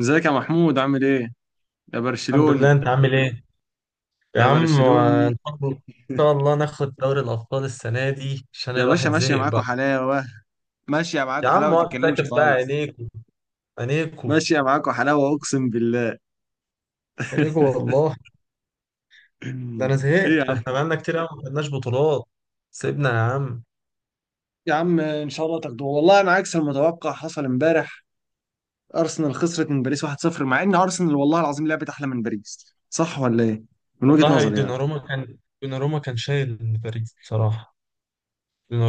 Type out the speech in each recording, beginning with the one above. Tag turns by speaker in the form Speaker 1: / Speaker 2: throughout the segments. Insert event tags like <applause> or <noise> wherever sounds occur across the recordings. Speaker 1: ازيك يا محمود؟ عامل ايه؟ يا
Speaker 2: الحمد لله،
Speaker 1: برشلوني،
Speaker 2: انت عامل ايه؟ يا
Speaker 1: يا
Speaker 2: عم، آه،
Speaker 1: برشلوني،
Speaker 2: ان شاء الله ان شاء الله ناخد دوري الابطال السنه دي عشان
Speaker 1: يا باشا،
Speaker 2: الواحد
Speaker 1: ماشية
Speaker 2: زهق
Speaker 1: معاكوا
Speaker 2: بقى.
Speaker 1: حلاوة، ماشية
Speaker 2: يا
Speaker 1: معاكوا حلاوة،
Speaker 2: عم
Speaker 1: ما
Speaker 2: وقت ساكت
Speaker 1: تتكلمش
Speaker 2: بقى.
Speaker 1: خالص.
Speaker 2: عينيكو، عينيكو،
Speaker 1: ماشية معاكوا حلاوة أقسم بالله.
Speaker 2: عينيكو
Speaker 1: <laughs>
Speaker 2: والله. ده انا
Speaker 1: ايه يا
Speaker 2: زهقت،
Speaker 1: عم؟
Speaker 2: احنا بقالنا كتير قوي ما خدناش بطولات. سيبنا يا عم.
Speaker 1: يا عم ان شاء الله تاخدوه. والله انا عكس المتوقع حصل امبارح. ارسنال خسرت من باريس 1-0 مع ان ارسنال والله العظيم لعبت احلى من باريس. صح ولا ايه؟ من وجهة
Speaker 2: والله
Speaker 1: نظري يعني.
Speaker 2: دوناروما كان شايل باريس بصراحه.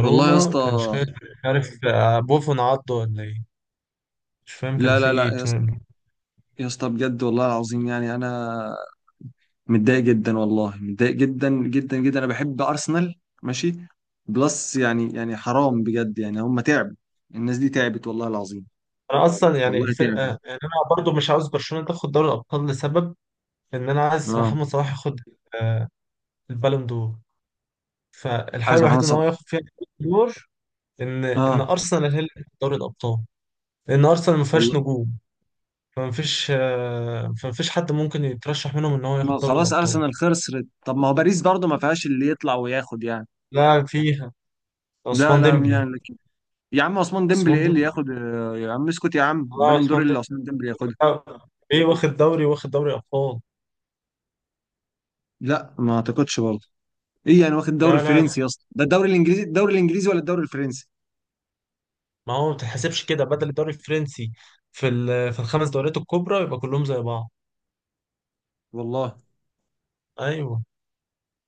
Speaker 1: والله يا اسطى.
Speaker 2: كان شايل، مش عارف، بوفون عضه ولا ايه. مش فاهم كان
Speaker 1: لا
Speaker 2: في
Speaker 1: لا لا
Speaker 2: ايه
Speaker 1: يا اسطى،
Speaker 2: بصراحة.
Speaker 1: يا اسطى بجد والله العظيم. يعني انا متضايق جدا، والله متضايق جدا جدا جدا. انا بحب ارسنال، ماشي؟ بلس يعني حرام بجد. يعني هم تعبوا، الناس دي تعبت والله العظيم.
Speaker 2: انا اصلا يعني
Speaker 1: والله
Speaker 2: الفرقه
Speaker 1: تعبوا.
Speaker 2: يعني. انا برضو مش عاوز برشلونه تاخد دوري الابطال لسبب ان انا عايز
Speaker 1: اه،
Speaker 2: محمد صلاح ياخد آه، البالون دور. فالحل
Speaker 1: عايز محمد
Speaker 2: الوحيد ان هو
Speaker 1: صلاح.
Speaker 2: ياخد فيها البالون دور، ان
Speaker 1: اه
Speaker 2: ارسنال هي اللي تاخد دوري الابطال لان ارسنال ما فيهاش
Speaker 1: والله.
Speaker 2: نجوم. فما فيش حد ممكن يترشح منهم ان هو
Speaker 1: ما
Speaker 2: ياخد دوري
Speaker 1: خلاص
Speaker 2: الابطال.
Speaker 1: ارسنال خسرت. طب ما هو باريس برضه ما فيهاش اللي يطلع وياخد يعني.
Speaker 2: لا فيها
Speaker 1: لا
Speaker 2: عثمان
Speaker 1: لا، مين
Speaker 2: ديمبلي
Speaker 1: يعني لك؟ يا عم، عثمان ديمبلي
Speaker 2: عثمان
Speaker 1: ايه اللي
Speaker 2: ديمبلي
Speaker 1: ياخد؟ يا عم اسكت. يا عم،
Speaker 2: لا،
Speaker 1: بالون دور إيه
Speaker 2: عثمان
Speaker 1: اللي
Speaker 2: ديمبلي
Speaker 1: عثمان ديمبلي ياخدها؟
Speaker 2: ايه؟ واخد دوري ابطال.
Speaker 1: لا، ما اعتقدش برضه. ايه يعني؟ واخد الدوري
Speaker 2: لا لا
Speaker 1: الفرنسي
Speaker 2: لا،
Speaker 1: يا اسطى؟ ده الدوري الانجليزي ولا الدوري الفرنسي؟
Speaker 2: ما هو ما بتتحسبش كده بدل الدوري الفرنسي. في الخمس دوريات الكبرى يبقى كلهم زي بعض.
Speaker 1: والله.
Speaker 2: ايوه.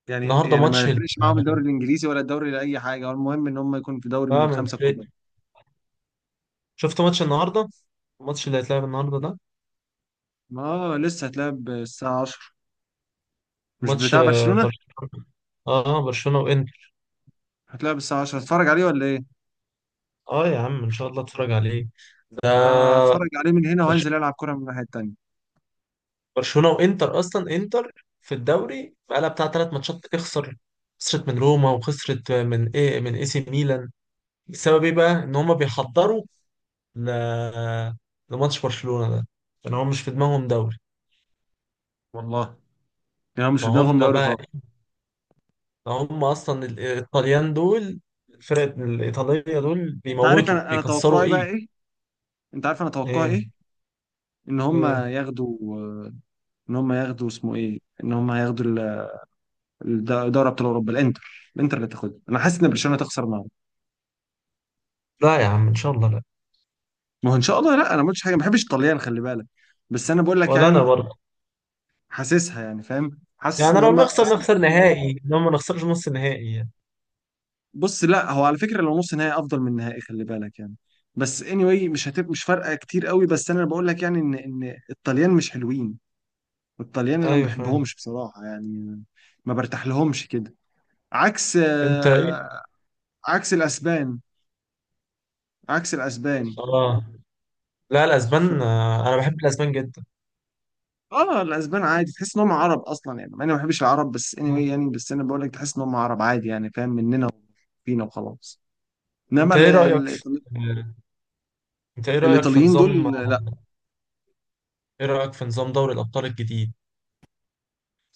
Speaker 1: يعني
Speaker 2: النهارده
Speaker 1: يعني
Speaker 2: ماتش
Speaker 1: ما ليش، ما عم الدور الإنجليزي ولا الدور لأي حاجة. هو المهم إنهم ما يكون في دوري من
Speaker 2: اه، ما
Speaker 1: الخمسة كبار.
Speaker 2: يفرقش. شفت ماتش النهارده؟ الماتش اللي هيتلعب النهارده ده،
Speaker 1: ما لسه تلعب 12، مش
Speaker 2: ماتش
Speaker 1: بتتابع شلونه؟
Speaker 2: برشلونه. اه، برشلونه وانتر.
Speaker 1: هتلعب 12، هتفرق عليهم ليه؟
Speaker 2: اه يا عم ان شاء الله اتفرج عليه.
Speaker 1: أنا هتفرق عليهم من هنا
Speaker 2: برش-
Speaker 1: وهنزل ألعب كورة من الهاي التانية.
Speaker 2: برشلونه وانتر. اصلا انتر في الدوري بقالها بتاع 3 ماتشات تخسر، خسرت من روما وخسرت من ايه، من اي سي ميلان. بسبب ايه بقى؟ ان هم بيحضروا ل... لماتش برشلونه ده، لان هم مش في دماغهم دوري.
Speaker 1: والله يا، مش بدناهم
Speaker 2: فهم
Speaker 1: دوري
Speaker 2: بقى،
Speaker 1: خارج.
Speaker 2: هم اصلا الايطاليان دول، الفرق الايطاليه دول
Speaker 1: أنت عارف
Speaker 2: بيموتوا
Speaker 1: أنا أتوقع
Speaker 2: بيكسروا
Speaker 1: إيه بقى؟
Speaker 2: ايه.
Speaker 1: ايه؟ أنت عارف أنا أتوقع
Speaker 2: ايه.
Speaker 1: إيه؟ إنهم ما
Speaker 2: ايه.
Speaker 1: يغدوا إنهم ما يغدوا اسمه إيه؟ إنهم ما يغدوا ال، الدور أبطال أوروبا الأندر، الأندر اللي تأخذ؟ أنا أحس إن برشلونة تقصر ما.
Speaker 2: لا يا عم ان شاء الله لا.
Speaker 1: ما هو ان شاء الله لا. انا ما قلتش حاجه، ما بحبش الطليان خلي بالك. بس انا بقول لك
Speaker 2: ولا انا
Speaker 1: يعني،
Speaker 2: برضه.
Speaker 1: حاسسها يعني فاهم، حاسس
Speaker 2: يعني
Speaker 1: ان
Speaker 2: لو
Speaker 1: هم
Speaker 2: نخسر،
Speaker 1: أصل...
Speaker 2: نخسر نهائي، لو ما نخسرش نص نهائي يعني.
Speaker 1: بص، لا هو على فكره لو نص نهائي افضل من نهائي، خلي بالك يعني. بس anyway مش هتبقى، مش فارقه كتير قوي. بس انا بقول لك يعني ان ان الطليان مش حلوين. الطليان انا ما
Speaker 2: ايوه فاهم.
Speaker 1: بحبهمش بصراحه يعني. ما برتاح لهمش كده. عكس
Speaker 2: انت ايه؟
Speaker 1: عكس الاسبان، عكس الاسبان.
Speaker 2: اه. لا الاسبان، انا بحب الاسبان جدا.
Speaker 1: اه، الاسبان عادي تحس ان هم عرب اصلا يعني. مع اني ما بحبش العرب بس anyway
Speaker 2: مم.
Speaker 1: يعني، بس انا بقول لك تحس ان هم عرب عادي يعني. فاهم؟ مننا فينا وخلاص. انما
Speaker 2: انت ايه رايك في آه، انت ايه رايك في
Speaker 1: الايطاليين
Speaker 2: نظام
Speaker 1: دول،
Speaker 2: آه،
Speaker 1: لا.
Speaker 2: ايه رايك في نظام دوري الابطال الجديد؟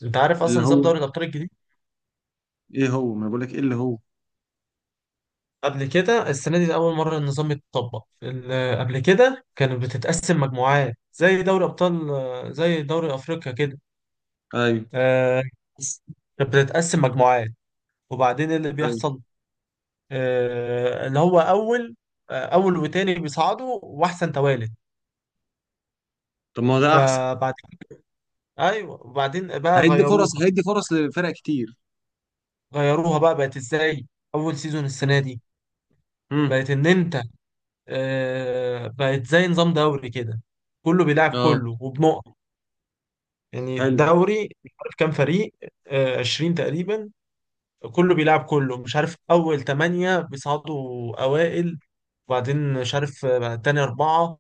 Speaker 2: انت عارف
Speaker 1: اللي
Speaker 2: اصلا نظام
Speaker 1: هو
Speaker 2: دوري الابطال الجديد؟
Speaker 1: ايه هو، ما بقول لك ايه اللي هو.
Speaker 2: قبل كده، السنه دي ده اول مره النظام يتطبق. قبل كده كانت بتتقسم مجموعات، زي دوري ابطال، زي دوري افريقيا كده.
Speaker 1: ايوه
Speaker 2: آه، كانت بتتقسم مجموعات، وبعدين اللي
Speaker 1: ايوه.
Speaker 2: بيحصل آه، اللي هو اول آه، اول وتاني بيصعدوا واحسن توالد.
Speaker 1: طب ما هو ده احسن.
Speaker 2: فبعد، ايوه، وبعدين بقى
Speaker 1: هيدي فرص،
Speaker 2: غيروها.
Speaker 1: هيدي فرص لفرق كتير.
Speaker 2: غيروها بقى بقت ازاي؟ اول سيزون السنه
Speaker 1: مم.
Speaker 2: دي بقت
Speaker 1: مم.
Speaker 2: ان انت، بقت زي نظام دوري كده، كله بيلعب
Speaker 1: اه،
Speaker 2: كله وبنقط. يعني
Speaker 1: حلو.
Speaker 2: الدوري مش عارف كام فريق، 20 تقريبا. كله بيلعب كله، مش عارف اول 8 بيصعدوا اوائل، وبعدين مش عارف تاني 4.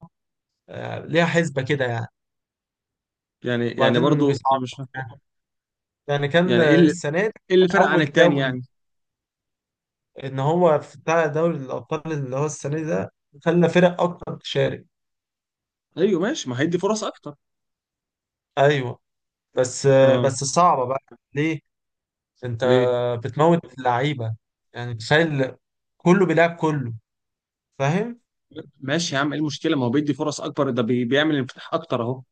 Speaker 2: ليها حسبة كده يعني.
Speaker 1: يعني
Speaker 2: وبعدين
Speaker 1: برضو أنا
Speaker 2: بيصعدوا.
Speaker 1: مش فاهم.
Speaker 2: يعني كان
Speaker 1: يعني ايه اللي
Speaker 2: السنة دي،
Speaker 1: ايه اللي
Speaker 2: كان
Speaker 1: فرق عن
Speaker 2: أول
Speaker 1: التاني يعني؟
Speaker 2: دوري، إن هو في بتاع دوري الأبطال اللي هو السنة دي ده خلى فرق أكتر تشارك.
Speaker 1: ايوه ماشي، ما هيدي فرص اكتر.
Speaker 2: أيوه. بس
Speaker 1: اه.
Speaker 2: بس صعبة بقى. ليه؟ أنت
Speaker 1: ليه؟
Speaker 2: بتموت اللعيبة. يعني تخيل كله بيلعب كله، فاهم؟
Speaker 1: ماشي يا عم، ايه المشكله؟ ما هو بيدي فرص اكبر، ده بيعمل انفتاح اكتر اهو.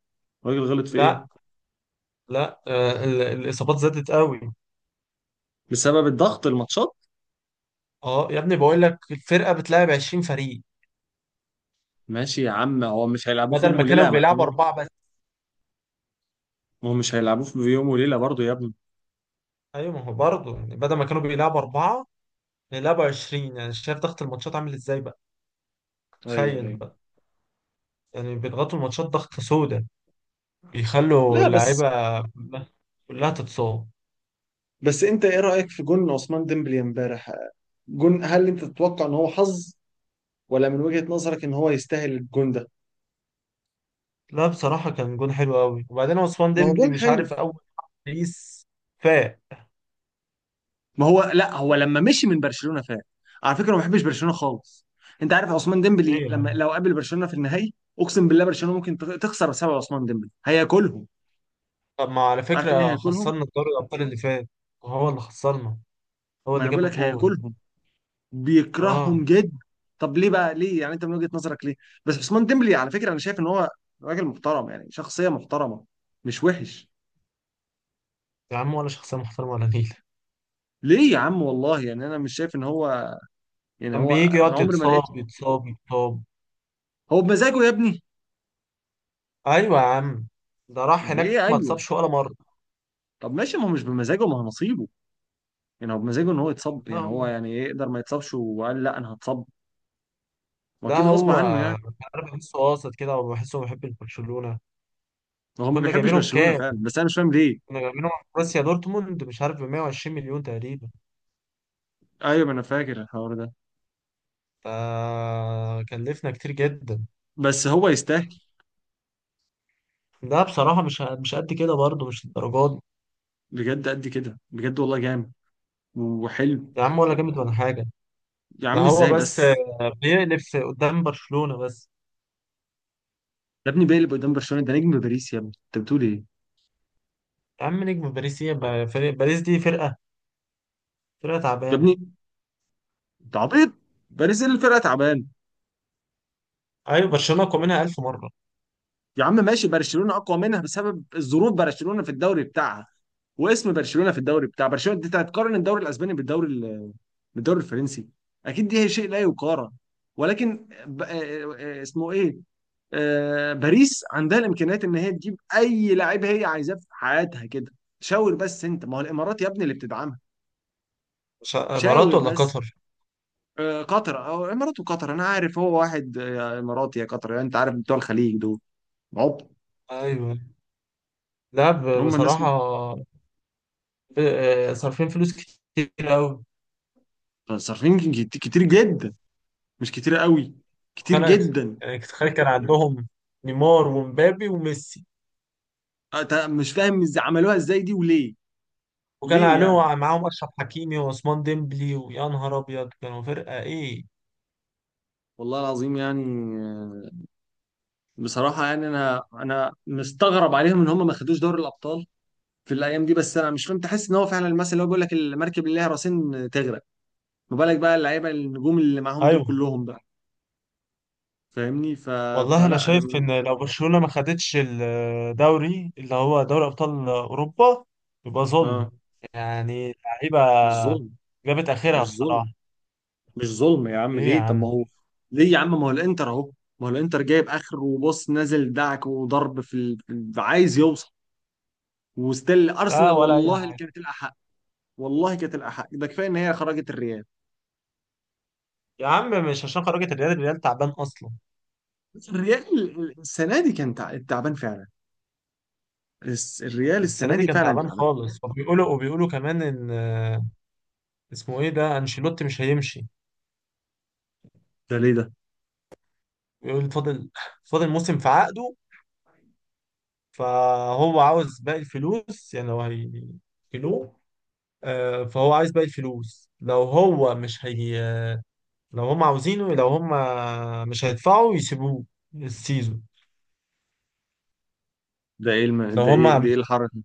Speaker 1: الراجل غلط في
Speaker 2: لا
Speaker 1: ايه؟
Speaker 2: لا، الإصابات زادت قوي.
Speaker 1: بسبب الضغط الماتشات.
Speaker 2: أه يا ابني بقول لك الفرقة بتلعب 20 فريق،
Speaker 1: ماشي يا عم، هو مش هيلعبوه في يوم
Speaker 2: بدل ما
Speaker 1: وليله
Speaker 2: كانوا
Speaker 1: يا
Speaker 2: بيلعبوا
Speaker 1: محمود.
Speaker 2: 4 بس.
Speaker 1: ما هو مش هيلعبوه في يوم وليله برضه يا ابني.
Speaker 2: أيوه ما هو برضه، يعني بدل ما كانوا بيلعبوا 4 بيلعبوا 20. يعني شايف ضغط الماتشات عامل إزاي بقى؟
Speaker 1: ايوه
Speaker 2: تخيل
Speaker 1: ايوه.
Speaker 2: بقى. يعني بيضغطوا الماتشات ضغطة سودة، بيخلوا
Speaker 1: لا بس،
Speaker 2: اللعيبة كلها تتصاب.
Speaker 1: بس انت ايه رايك في جون عثمان ديمبلي امبارح؟ جون، هل انت تتوقع ان هو حظ؟ ولا من وجهه نظرك ان هو يستاهل الجون ده؟
Speaker 2: لا بصراحة كان جون حلو قوي. وبعدين عثمان
Speaker 1: ما هو
Speaker 2: ديمبلي،
Speaker 1: جون
Speaker 2: مش
Speaker 1: حلو.
Speaker 2: عارف، أول بيس فاق.
Speaker 1: ما هو لا، هو لما مشي من برشلونه فات. على فكره ما بحبش برشلونه خالص. انت عارف عثمان ديمبلي لما
Speaker 2: ليه؟
Speaker 1: لو قابل برشلونه في النهائي، اقسم بالله برشلونه ممكن تخسر بسبب عثمان ديمبلي. هياكلهم،
Speaker 2: طب ما على
Speaker 1: عارف؟ ايه
Speaker 2: فكرة
Speaker 1: هياكلهم.
Speaker 2: خسرنا دوري الأبطال اللي فات، وهو اللي خسرنا، هو
Speaker 1: ما
Speaker 2: اللي
Speaker 1: انا
Speaker 2: جاب
Speaker 1: بقول لك
Speaker 2: الجون.
Speaker 1: هياكلهم،
Speaker 2: اه.
Speaker 1: بيكرههم جدا. طب ليه بقى؟ ليه يعني انت من وجهة نظرك ليه؟ بس عثمان ديمبلي على فكرة انا شايف ان هو راجل محترم يعني. شخصية محترمة، مش وحش.
Speaker 2: يا عم ولا شخصية محترمة ولا نيلة.
Speaker 1: ليه يا عم؟ والله يعني انا مش شايف ان هو، يعني
Speaker 2: كان
Speaker 1: هو
Speaker 2: بيجي
Speaker 1: انا
Speaker 2: يقعد
Speaker 1: عمري ما لقيته.
Speaker 2: يتصاب يتصاب يتصاب.
Speaker 1: هو بمزاجه يا ابني.
Speaker 2: أيوة يا عم، ده راح
Speaker 1: يعني
Speaker 2: هناك
Speaker 1: ايه؟
Speaker 2: ما
Speaker 1: ايوه.
Speaker 2: اتصابش ولا مرة.
Speaker 1: طب ماشي، ما هو مش بمزاجه، ما هو نصيبه. يعني هو بمزاجه ان هو يتصب؟ يعني هو
Speaker 2: لا،
Speaker 1: يعني إيه، يقدر ما يتصبش وقال لا انا هتصب؟
Speaker 2: لا
Speaker 1: واكيد غصب
Speaker 2: هو،
Speaker 1: عنه يعني.
Speaker 2: انا بحسه قاصد كده وبحسه بحب البرشلونه.
Speaker 1: هو ما
Speaker 2: وكنا
Speaker 1: بيحبش
Speaker 2: جايبينه
Speaker 1: برشلونة
Speaker 2: بكام؟
Speaker 1: فعلا، بس انا مش فاهم ليه.
Speaker 2: كنا جايبينه من بروسيا دورتموند، مش عارف، ب 120 مليون تقريبا،
Speaker 1: ايوه، ما انا فاكر الحوار ده.
Speaker 2: فكلفنا كتير جدا.
Speaker 1: بس هو يستاهل.
Speaker 2: ده بصراحه مش قد كده، برضه مش الدرجات دي.
Speaker 1: بجد قد كده، بجد والله جامد وحلو.
Speaker 2: يا عم ولا جامد ولا حاجه.
Speaker 1: يا
Speaker 2: ده
Speaker 1: عم
Speaker 2: هو
Speaker 1: ازاي
Speaker 2: بس
Speaker 1: بس؟
Speaker 2: بيقلب قدام برشلونه بس.
Speaker 1: يا ابني بيلي قدام برشلونه، ده نجم باريس يا ابني، انت بتقول ايه؟
Speaker 2: يا عم نجم باريس ايه بقى؟ باريس دي فرقه، فرقه
Speaker 1: يا
Speaker 2: تعبانه.
Speaker 1: ابني انت عبيط، باريس اللي الفرقه تعبان؟
Speaker 2: ايوه برشلونه اقوى منها 1000 مره.
Speaker 1: يا عم ماشي، برشلونه اقوى منها بسبب الظروف. برشلونه في الدوري بتاعها، واسم برشلونه في الدوري بتاع برشلونه. انت هتقارن الدوري الاسباني بالدوري الفرنسي؟ اكيد دي هي شيء لا يقارن. ولكن ب... آه، آه، آه، اسمه ايه، باريس عندها الامكانيات ان هي تجيب اي لعيب هي عايزاه في حياتها كده. شاور بس. انت ما هو الامارات يا ابني اللي بتدعمها.
Speaker 2: امارات
Speaker 1: شاور
Speaker 2: ولا
Speaker 1: بس.
Speaker 2: قطر.
Speaker 1: قطر او الامارات وقطر، انا عارف هو واحد اماراتي يا قطر يعني. انت عارف بتوع الخليج دول، عبط.
Speaker 2: ايوه. لا
Speaker 1: هم الناس
Speaker 2: بصراحه، صارفين فلوس كتير قوي.
Speaker 1: صارفين كتير جدا، مش كتير قوي، كتير
Speaker 2: خلاص.
Speaker 1: جدا.
Speaker 2: يعني تخيل كان عندهم نيمار ومبابي وميسي،
Speaker 1: أنت مش فاهم ازاي عملوها ازاي دي وليه؟
Speaker 2: وكان
Speaker 1: ليه يعني؟
Speaker 2: عليهم معاهم اشرف حكيمي وعثمان ديمبلي، ويا نهار ابيض كانوا فرقه ايه.
Speaker 1: والله العظيم يعني. آه، بصراحة يعني انا مستغرب عليهم ان هم ما خدوش دوري الابطال في الايام دي. بس انا مش فاهم، تحس ان هو فعلا المثل اللي هو بيقول لك المركب اللي لها راسين تغرق. ما بالك بقى اللعيبه النجوم اللي معاهم دول
Speaker 2: ايوه.
Speaker 1: كلهم بقى. فاهمني؟
Speaker 2: والله انا
Speaker 1: فلا انا
Speaker 2: شايف ان لو برشلونة ما خدتش الدوري اللي هو دوري ابطال اوروبا يبقى ظلم.
Speaker 1: اه،
Speaker 2: يعني اللعيبة
Speaker 1: مش ظلم.
Speaker 2: جابت اخرها
Speaker 1: مش
Speaker 2: بصراحة.
Speaker 1: ظلم، مش ظلم يا عم.
Speaker 2: ليه يا
Speaker 1: ليه؟ طب ما
Speaker 2: عم؟
Speaker 1: هو، ليه يا عم؟ ما هو الانتر اهو، ما هو الانتر جايب اخر وبص نازل دعك وضرب عايز يوصل. وستيل
Speaker 2: لا
Speaker 1: ارسنال
Speaker 2: ولا اي
Speaker 1: والله اللي
Speaker 2: حاجة.
Speaker 1: كانت الاحق. والله كانت الاحق، ده كفايه ان هي خرجت الريال.
Speaker 2: يا عم مش عشان خرجت الريال، الريال تعبان اصلا.
Speaker 1: بس الريال السنه دي كان تعبان فعلا. الريال
Speaker 2: السنه
Speaker 1: السنه
Speaker 2: دي
Speaker 1: دي
Speaker 2: كان
Speaker 1: فعلا
Speaker 2: تعبان
Speaker 1: تعبان.
Speaker 2: خالص، وبيقولوا كمان ان اسمه ايه ده انشيلوتي، مش هيمشي.
Speaker 1: ده ليه ده؟
Speaker 2: بيقول فاضل، فاضل موسم في عقده، فهو عاوز باقي الفلوس. يعني لو هيكلوه، فهو عايز باقي الفلوس لو هو مش هي. لو هم عاوزينه، لو هم مش هيدفعوا يسيبوه السيزون.
Speaker 1: ده ايه الم...
Speaker 2: لو
Speaker 1: ده
Speaker 2: هم،
Speaker 1: ايه ده ايه الحركه؟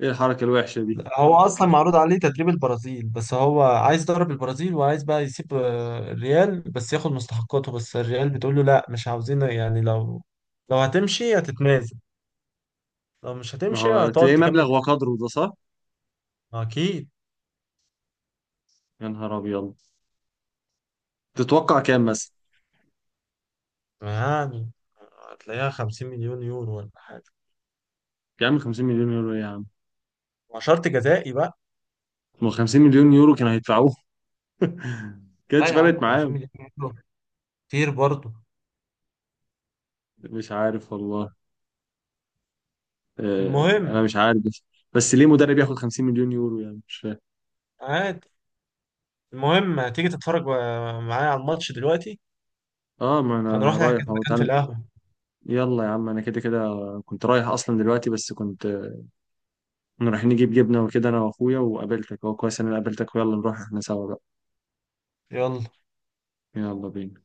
Speaker 1: ايه الحركه الوحشه دي؟
Speaker 2: هو اصلا معروض عليه تدريب البرازيل، بس هو عايز يدرب البرازيل وعايز بقى يسيب الريال، بس ياخد مستحقاته. بس الريال بتقول له لا، مش عاوزين، يعني لو، لو هتمشي هتتنازل، لو مش
Speaker 1: ما
Speaker 2: هتمشي
Speaker 1: هو
Speaker 2: هتقعد
Speaker 1: تلاقيه
Speaker 2: تكمل.
Speaker 1: مبلغ وقدره ده، صح؟
Speaker 2: اكيد.
Speaker 1: يا نهار ابيض. تتوقع كام مثلا؟
Speaker 2: يعني هتلاقيها 50 مليون يورو ولا حاجه،
Speaker 1: يا عم 50 مليون يورو إيه يا عم؟
Speaker 2: مع شرط جزائي بقى.
Speaker 1: ما هو 50 مليون يورو كانوا هيدفعوه. <laughs>
Speaker 2: لا
Speaker 1: كانتش
Speaker 2: يا عم
Speaker 1: فرقت
Speaker 2: 50
Speaker 1: معاهم.
Speaker 2: مليون يورو كتير برضه.
Speaker 1: مش عارف والله. يعني انا
Speaker 2: المهم.
Speaker 1: مش عارف، بس بس ليه مدرب ياخد 50 مليون يورو يعني؟ مش فاهم.
Speaker 2: عادي. المهم هتيجي تتفرج معايا على الماتش دلوقتي؟
Speaker 1: اه ما انا
Speaker 2: هنروح
Speaker 1: رايح
Speaker 2: نحجز
Speaker 1: اهو،
Speaker 2: مكان في
Speaker 1: تعال.
Speaker 2: القهوه.
Speaker 1: يلا يا عم انا كده كده كنت رايح اصلا دلوقتي. بس كنت كنا رايحين نجيب جبنه وكده انا واخويا وقابلتك. هو كويس إن انا قابلتك، ويلا نروح احنا سوا بقى.
Speaker 2: يلا.
Speaker 1: يلا بينا.